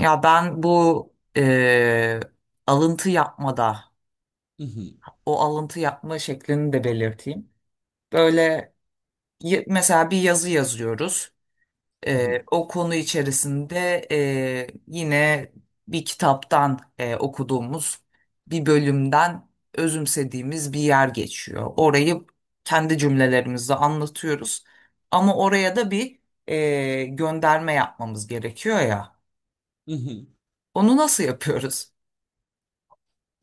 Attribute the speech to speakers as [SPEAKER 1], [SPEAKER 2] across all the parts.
[SPEAKER 1] Ya ben bu alıntı yapmada,
[SPEAKER 2] Hı hı,
[SPEAKER 1] o alıntı yapma şeklini de belirteyim. Böyle mesela bir yazı yazıyoruz.
[SPEAKER 2] hı hı,
[SPEAKER 1] O konu içerisinde yine bir kitaptan okuduğumuz bir bölümden özümsediğimiz bir yer geçiyor. Orayı kendi cümlelerimizle anlatıyoruz. Ama oraya da bir gönderme yapmamız gerekiyor ya.
[SPEAKER 2] hı hı.
[SPEAKER 1] Onu nasıl yapıyoruz?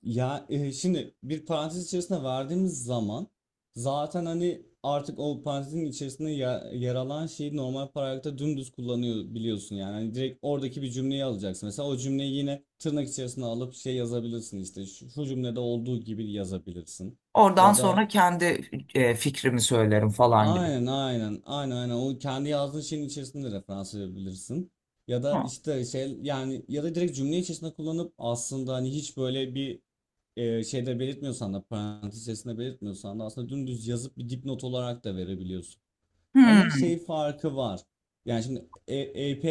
[SPEAKER 2] Ya şimdi bir parantez içerisine verdiğimiz zaman zaten hani artık o parantezin içerisinde yer alan şeyi normal paragrafta dümdüz kullanıyor biliyorsun yani. Hani direkt oradaki bir cümleyi alacaksın. Mesela o cümleyi yine tırnak içerisine alıp şey yazabilirsin işte şu cümlede olduğu gibi yazabilirsin.
[SPEAKER 1] Oradan
[SPEAKER 2] Ya
[SPEAKER 1] sonra
[SPEAKER 2] da
[SPEAKER 1] kendi fikrimi söylerim falan gibi.
[SPEAKER 2] aynen aynen aynen aynen o kendi yazdığın şeyin içerisinde referans verebilirsin. Ya
[SPEAKER 1] Hı.
[SPEAKER 2] da işte şey yani ya da direkt cümle içerisinde kullanıp aslında hani hiç böyle bir şeyde belirtmiyorsan da parantez içerisinde belirtmiyorsan da aslında dümdüz yazıp bir dipnot olarak da verebiliyorsun. Ama
[SPEAKER 1] Hmm.
[SPEAKER 2] şey farkı var. Yani şimdi APA,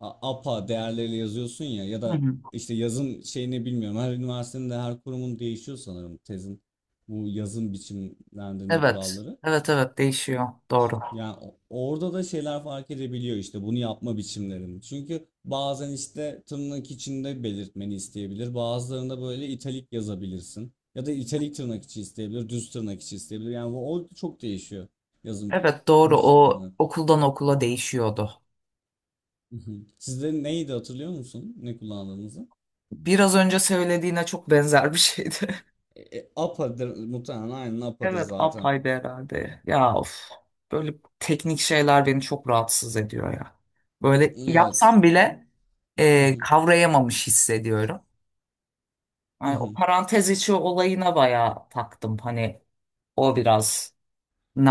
[SPEAKER 2] APA değerleriyle yazıyorsun ya ya
[SPEAKER 1] Hı
[SPEAKER 2] da
[SPEAKER 1] hı.
[SPEAKER 2] işte yazım şeyini bilmiyorum. Her üniversitenin de her kurumun değişiyor sanırım tezin bu yazım biçimlendirme
[SPEAKER 1] Evet.
[SPEAKER 2] kuralları.
[SPEAKER 1] Evet evet, değişiyor. Doğru.
[SPEAKER 2] Yani orada da şeyler fark edebiliyor işte bunu yapma biçimlerini. Çünkü bazen işte tırnak içinde belirtmeni isteyebilir. Bazılarında böyle italik yazabilirsin. Ya da italik tırnak içi isteyebilir, düz tırnak içi isteyebilir. Yani bu orada çok değişiyor yazım
[SPEAKER 1] Evet, doğru,
[SPEAKER 2] biçimi
[SPEAKER 1] o
[SPEAKER 2] olarak.
[SPEAKER 1] okuldan okula değişiyordu.
[SPEAKER 2] Hı hı. Sizde neydi hatırlıyor musun? Ne kullandığınızı?
[SPEAKER 1] Biraz önce söylediğine çok benzer bir şeydi.
[SPEAKER 2] APA'dır muhtemelen aynen APA'dır
[SPEAKER 1] Evet,
[SPEAKER 2] zaten.
[SPEAKER 1] apayrı herhalde. Ya of. Böyle teknik şeyler beni çok rahatsız ediyor ya. Böyle
[SPEAKER 2] Evet.
[SPEAKER 1] yapsam bile
[SPEAKER 2] Hı hı,
[SPEAKER 1] kavrayamamış hissediyorum.
[SPEAKER 2] hı
[SPEAKER 1] Yani o
[SPEAKER 2] hı.
[SPEAKER 1] parantez içi olayına bayağı taktım. Hani o biraz ne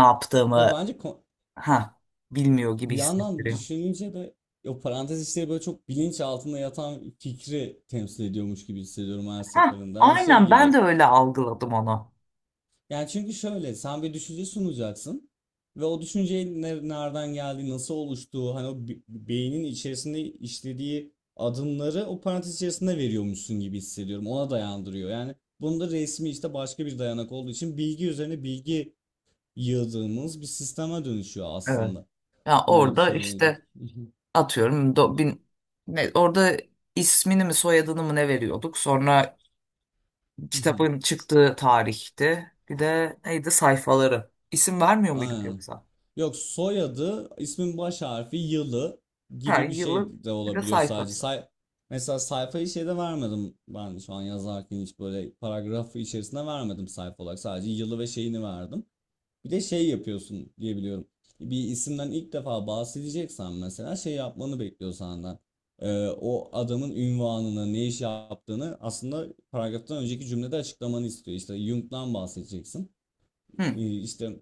[SPEAKER 2] Ya
[SPEAKER 1] yaptığımı
[SPEAKER 2] bence
[SPEAKER 1] ha bilmiyor gibi
[SPEAKER 2] bir yandan
[SPEAKER 1] hissettiriyor.
[SPEAKER 2] düşününce de o parantez işleri böyle çok bilinç altında yatan fikri temsil ediyormuş gibi hissediyorum her
[SPEAKER 1] Ha
[SPEAKER 2] seferinde. Hani şey
[SPEAKER 1] aynen,
[SPEAKER 2] gibi.
[SPEAKER 1] ben de öyle algıladım onu.
[SPEAKER 2] Yani çünkü şöyle sen bir düşünce sunacaksın ve o düşüncenin nereden geldiği, nasıl oluştuğu, hani o beynin içerisinde işlediği adımları o parantez içerisinde veriyormuşsun gibi hissediyorum. Ona dayandırıyor. Yani bunda resmi işte başka bir dayanak olduğu için bilgi üzerine bilgi yığdığımız bir sisteme dönüşüyor
[SPEAKER 1] Evet.
[SPEAKER 2] aslında.
[SPEAKER 1] Ya
[SPEAKER 2] Böyle
[SPEAKER 1] orada
[SPEAKER 2] söyleyince.
[SPEAKER 1] işte atıyorum do, bin, ne, orada ismini mi soyadını mı ne veriyorduk? Sonra kitabın çıktığı tarihte bir de neydi sayfaları. İsim vermiyor muyduk
[SPEAKER 2] Aynen.
[SPEAKER 1] yoksa?
[SPEAKER 2] Yok soyadı, ismin baş harfi, yılı
[SPEAKER 1] Her
[SPEAKER 2] gibi bir
[SPEAKER 1] yılın
[SPEAKER 2] şey de
[SPEAKER 1] bir de
[SPEAKER 2] olabiliyor sadece.
[SPEAKER 1] sayfası.
[SPEAKER 2] Mesela sayfayı şeyde vermedim ben şu an yazarken hiç böyle paragrafı içerisinde vermedim sayfa olarak. Sadece yılı ve şeyini verdim. Bir de şey yapıyorsun diye biliyorum. Bir isimden ilk defa bahsedeceksen mesela şey yapmanı bekliyor senden. O adamın ünvanını, ne iş yaptığını aslında paragraftan önceki cümlede açıklamanı istiyor. İşte Jung'dan bahsedeceksin
[SPEAKER 1] Hmm.
[SPEAKER 2] e, işte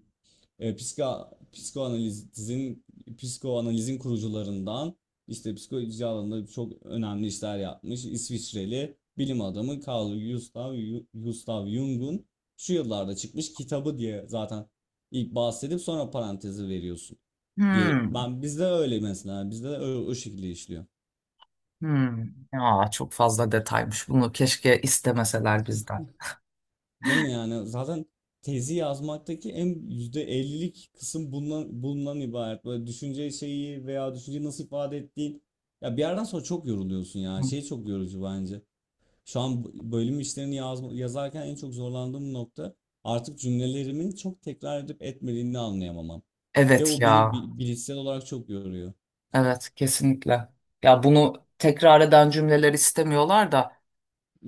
[SPEAKER 2] e, psika, psikoanalizin psikoanalizin kurucularından işte psikoloji alanında çok önemli işler yapmış İsviçreli bilim adamı Carl Gustav Jung'un şu yıllarda çıkmış kitabı diye zaten ilk bahsedip sonra parantezi veriyorsun diye.
[SPEAKER 1] Hmm.
[SPEAKER 2] Ben bizde öyle mesela bizde de o, o şekilde işliyor.
[SPEAKER 1] Hmm. Aa, çok fazla detaymış. Bunu keşke istemeseler bizden.
[SPEAKER 2] Değil mi yani? Zaten tezi yazmaktaki en %50'lik kısım bundan ibaret. Böyle düşünce şeyi veya düşünceyi nasıl ifade ettiğin. Ya bir yerden sonra çok yoruluyorsun ya.
[SPEAKER 1] Hmm.
[SPEAKER 2] Şey çok yorucu bence. Şu an bölüm işlerini yazarken en çok zorlandığım nokta artık cümlelerimin çok tekrar edip etmediğini anlayamamam. Ve
[SPEAKER 1] Evet
[SPEAKER 2] o beni
[SPEAKER 1] ya.
[SPEAKER 2] bilişsel olarak çok yoruyor.
[SPEAKER 1] Evet, kesinlikle. Ya bunu tekrar eden cümleler istemiyorlar da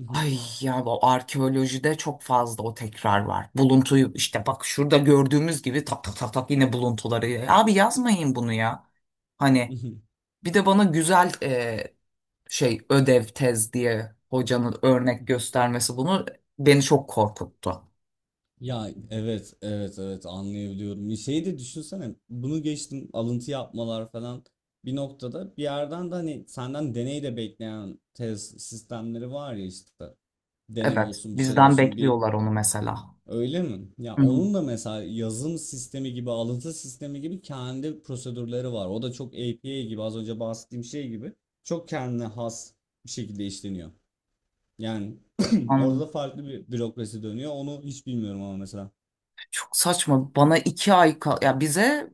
[SPEAKER 1] ay ya, bu arkeolojide çok fazla o tekrar var. Buluntuyu işte bak şurada gördüğümüz gibi tak tak tak tak yine buluntuları. Abi yazmayın bunu ya. Hani bir de bana güzel şey, ödev tez diye hocanın örnek göstermesi bunu beni çok korkuttu.
[SPEAKER 2] Ya evet evet evet anlayabiliyorum. Bir şeyi de düşünsene bunu geçtim alıntı yapmalar falan bir noktada bir yerden de hani senden deney de bekleyen tez sistemleri var ya işte deney
[SPEAKER 1] Evet,
[SPEAKER 2] olsun bir şeyler
[SPEAKER 1] bizden
[SPEAKER 2] olsun bir
[SPEAKER 1] bekliyorlar onu mesela.
[SPEAKER 2] öyle mi? Ya
[SPEAKER 1] Hı hı.
[SPEAKER 2] onun da mesela yazım sistemi gibi alıntı sistemi gibi kendi prosedürleri var. O da çok APA gibi az önce bahsettiğim şey gibi çok kendine has bir şekilde işleniyor. Yani orada da
[SPEAKER 1] Anladım.
[SPEAKER 2] farklı bir bürokrasi dönüyor onu hiç bilmiyorum ama mesela.
[SPEAKER 1] Çok saçma. Bana iki ay kal ya, bize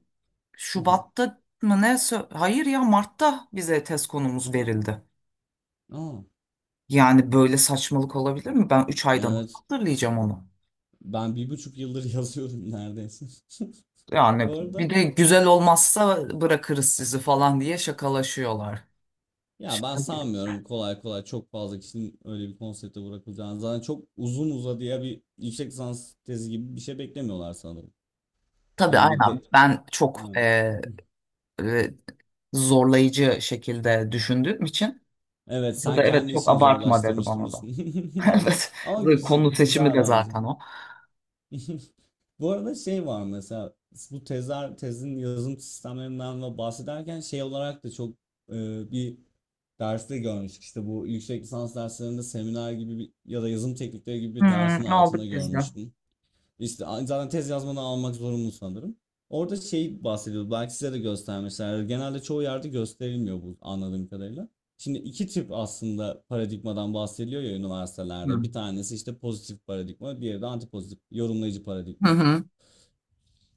[SPEAKER 1] Şubat'ta mı ne? Hayır ya, Mart'ta bize test konumuz verildi.
[SPEAKER 2] Aa,
[SPEAKER 1] Yani böyle saçmalık olabilir mi? Ben 3 aydan nasıl
[SPEAKER 2] evet.
[SPEAKER 1] hatırlayacağım onu.
[SPEAKER 2] Ben 1,5 yıldır yazıyorum neredeyse.
[SPEAKER 1] Yani
[SPEAKER 2] Bu
[SPEAKER 1] bir
[SPEAKER 2] arada
[SPEAKER 1] de güzel olmazsa bırakırız sizi falan diye şakalaşıyorlar.
[SPEAKER 2] ya ben
[SPEAKER 1] Şaka gibi.
[SPEAKER 2] sanmıyorum kolay kolay çok fazla kişinin öyle bir konsepte bırakılacağını. Zaten çok uzun uzadıya bir yüksek lisans tezi gibi bir şey beklemiyorlar sanırım.
[SPEAKER 1] Tabii
[SPEAKER 2] Yani bir
[SPEAKER 1] aynen,
[SPEAKER 2] de...
[SPEAKER 1] ben çok
[SPEAKER 2] Ha.
[SPEAKER 1] e, zorlayıcı şekilde düşündüğüm için
[SPEAKER 2] Evet
[SPEAKER 1] burada
[SPEAKER 2] sen
[SPEAKER 1] evet
[SPEAKER 2] kendi
[SPEAKER 1] çok
[SPEAKER 2] işini
[SPEAKER 1] abartma, dedi
[SPEAKER 2] zorlaştırmıştın
[SPEAKER 1] bana da.
[SPEAKER 2] diyorsun. Ama
[SPEAKER 1] Evet, konu
[SPEAKER 2] güz-
[SPEAKER 1] seçimi
[SPEAKER 2] güzel
[SPEAKER 1] de
[SPEAKER 2] bence.
[SPEAKER 1] zaten o.
[SPEAKER 2] Bu arada şey var mesela bu tezler tezin yazım sistemlerinden ve bahsederken şey olarak da çok e, bir derste görmüştük. İşte bu yüksek lisans derslerinde seminer gibi bir, ya da yazım teknikleri gibi bir dersin
[SPEAKER 1] Hmm,
[SPEAKER 2] altında
[SPEAKER 1] aldık biz de.
[SPEAKER 2] görmüştüm. İşte a- zaten tez yazmanı almak zorunlu sanırım. Orada şey bahsediyordu. Belki size de göstermişler. Yani genelde çoğu yerde gösterilmiyor bu anladığım kadarıyla. Şimdi iki tip aslında paradigmadan bahsediliyor ya üniversitelerde. Bir
[SPEAKER 1] Hmm.
[SPEAKER 2] tanesi işte pozitif paradigma, diğeri de antipozitif yorumlayıcı
[SPEAKER 1] Hı
[SPEAKER 2] paradigma.
[SPEAKER 1] hı.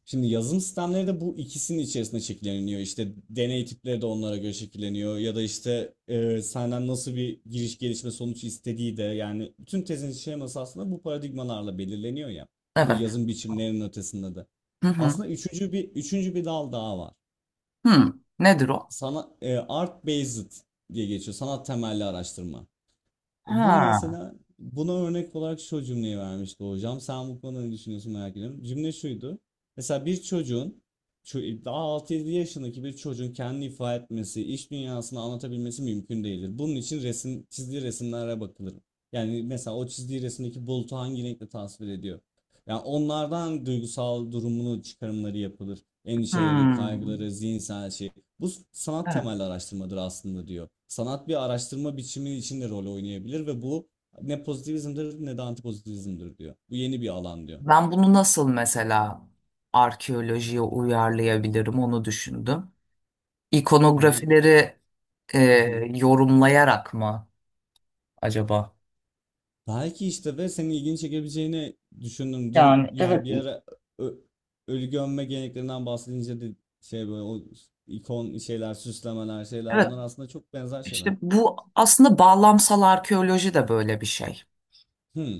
[SPEAKER 2] Şimdi yazılım sistemleri de bu ikisinin içerisinde şekilleniyor. İşte deney tipleri de onlara göre şekilleniyor. Ya da işte e, senden nasıl bir giriş gelişme sonuç istediği de yani bütün tezin şeması aslında bu paradigmalarla belirleniyor ya. Bu
[SPEAKER 1] Evet.
[SPEAKER 2] yazım biçimlerinin ötesinde de.
[SPEAKER 1] Hı hı.
[SPEAKER 2] Aslında üçüncü bir dal daha var.
[SPEAKER 1] Hmm, nedir o?
[SPEAKER 2] Sana e, art based diye geçiyor. Sanat temelli araştırma. Bu
[SPEAKER 1] Ha.
[SPEAKER 2] mesela buna örnek olarak şu cümleyi vermişti hocam. Sen bu konuda ne düşünüyorsun merak ediyorum. Cümle şuydu. Mesela bir çocuğun daha altı 7 yaşındaki bir çocuğun kendini ifade etmesi, iş dünyasını anlatabilmesi mümkün değildir. Bunun için resim, çizdiği resimlere bakılır. Yani mesela o çizdiği resimdeki bulutu hangi renkle tasvir ediyor? Yani onlardan duygusal durumunu çıkarımları yapılır. Endişeleri,
[SPEAKER 1] Hmm.
[SPEAKER 2] kaygıları, zihinsel şey. Bu sanat
[SPEAKER 1] Evet.
[SPEAKER 2] temelli araştırmadır aslında diyor. Sanat bir araştırma biçimi içinde rol oynayabilir ve bu ne pozitivizmdir ne de antipozitivizmdir diyor. Bu yeni bir alan diyor.
[SPEAKER 1] Ben bunu nasıl mesela arkeolojiye uyarlayabilirim onu düşündüm.
[SPEAKER 2] Yani
[SPEAKER 1] İkonografileri e, yorumlayarak mı acaba?
[SPEAKER 2] belki işte ve senin ilgini çekebileceğini düşündüm. Dün
[SPEAKER 1] Yani
[SPEAKER 2] yani
[SPEAKER 1] evet,
[SPEAKER 2] bir ara ö- ölü gömme geleneklerinden bahsedince de şey böyle o ikon şeyler, süslemeler, şeyler
[SPEAKER 1] evet,
[SPEAKER 2] bunlar aslında çok benzer şeyler.
[SPEAKER 1] işte bu aslında bağlamsal arkeoloji de böyle bir şey.
[SPEAKER 2] Hmm.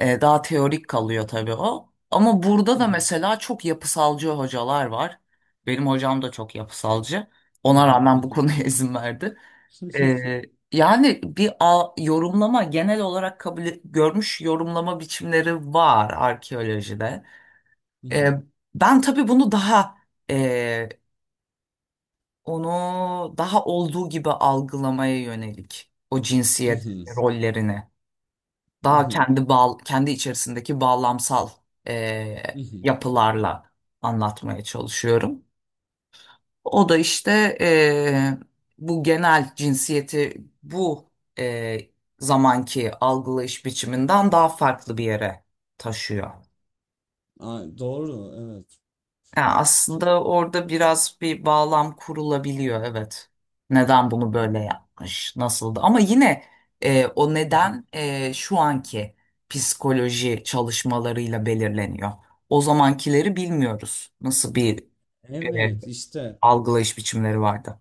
[SPEAKER 1] Daha teorik kalıyor tabii o. Ama burada da mesela çok yapısalcı hocalar var. Benim hocam da çok yapısalcı. Ona rağmen bu konuya izin verdi. Ee, yani bir yorumlama genel olarak görmüş yorumlama biçimleri var arkeolojide. Ee, ben tabii bunu daha e, onu daha olduğu gibi algılamaya yönelik o cinsiyet rollerini daha kendi kendi içerisindeki bağlamsal e, yapılarla anlatmaya çalışıyorum. O da işte bu genel cinsiyeti bu eee, zamanki algılayış biçiminden daha farklı bir yere taşıyor.
[SPEAKER 2] Aa, doğru, evet.
[SPEAKER 1] Yani
[SPEAKER 2] Çok.
[SPEAKER 1] aslında orada biraz bir bağlam kurulabiliyor, evet. Neden bunu
[SPEAKER 2] Hı
[SPEAKER 1] böyle yapmış, nasıldı? Ama yine o
[SPEAKER 2] hı.
[SPEAKER 1] neden şu anki psikoloji çalışmalarıyla belirleniyor. O zamankileri bilmiyoruz. Nasıl bir eee,
[SPEAKER 2] Evet işte
[SPEAKER 1] algılayış biçimleri vardı?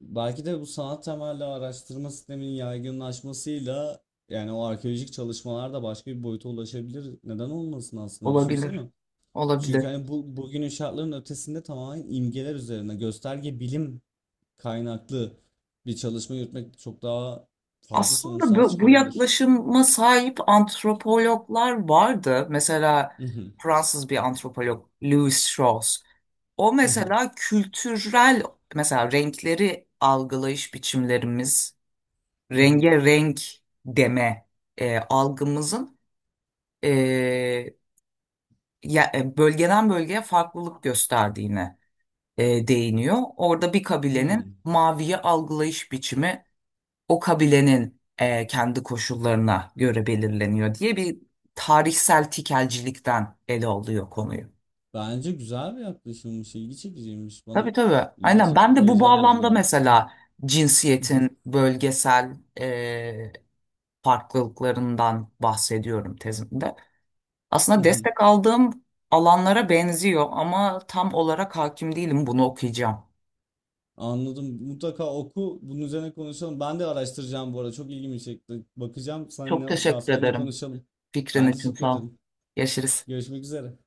[SPEAKER 2] belki de bu sanat temelli araştırma sisteminin yaygınlaşmasıyla yani o arkeolojik çalışmalar da başka bir boyuta ulaşabilir. Neden olmasın aslında düşünsene.
[SPEAKER 1] Olabilir.
[SPEAKER 2] Çünkü
[SPEAKER 1] Olabilir.
[SPEAKER 2] hani bu bugünün şartlarının ötesinde tamamen imgeler üzerine gösterge bilim kaynaklı bir çalışma yürütmek çok daha farklı
[SPEAKER 1] Aslında
[SPEAKER 2] sonuçlar
[SPEAKER 1] bu
[SPEAKER 2] çıkarabilir.
[SPEAKER 1] yaklaşıma sahip antropologlar vardı. Mesela Fransız bir antropolog Louis Strauss. O
[SPEAKER 2] Hmm.
[SPEAKER 1] mesela kültürel mesela renkleri algılayış biçimlerimiz, renge renk deme algımızın e, bölgeden bölgeye farklılık gösterdiğine değiniyor. Orada bir kabilenin maviyi algılayış biçimi o kabilenin kendi koşullarına göre belirleniyor diye bir tarihsel tikelcilikten ele alıyor konuyu.
[SPEAKER 2] Bence güzel bir yaklaşımmış, ilgi çekiciymiş
[SPEAKER 1] Tabii
[SPEAKER 2] bana
[SPEAKER 1] tabii. Aynen. Ben de bu
[SPEAKER 2] heyecan verici
[SPEAKER 1] bağlamda
[SPEAKER 2] geldi.
[SPEAKER 1] mesela cinsiyetin bölgesel farklılıklarından bahsediyorum tezimde. Aslında destek aldığım alanlara benziyor ama tam olarak hakim değilim. Bunu okuyacağım.
[SPEAKER 2] Anladım. Mutlaka oku. Bunun üzerine konuşalım. Ben de araştıracağım bu arada. Çok ilgimi çekti. Bakacağım.
[SPEAKER 1] Çok
[SPEAKER 2] Seninle daha
[SPEAKER 1] teşekkür
[SPEAKER 2] sonra yine
[SPEAKER 1] ederim.
[SPEAKER 2] konuşalım.
[SPEAKER 1] Fikrin
[SPEAKER 2] Ben
[SPEAKER 1] için
[SPEAKER 2] teşekkür
[SPEAKER 1] sağ ol.
[SPEAKER 2] ederim.
[SPEAKER 1] Görüşürüz.
[SPEAKER 2] Görüşmek üzere.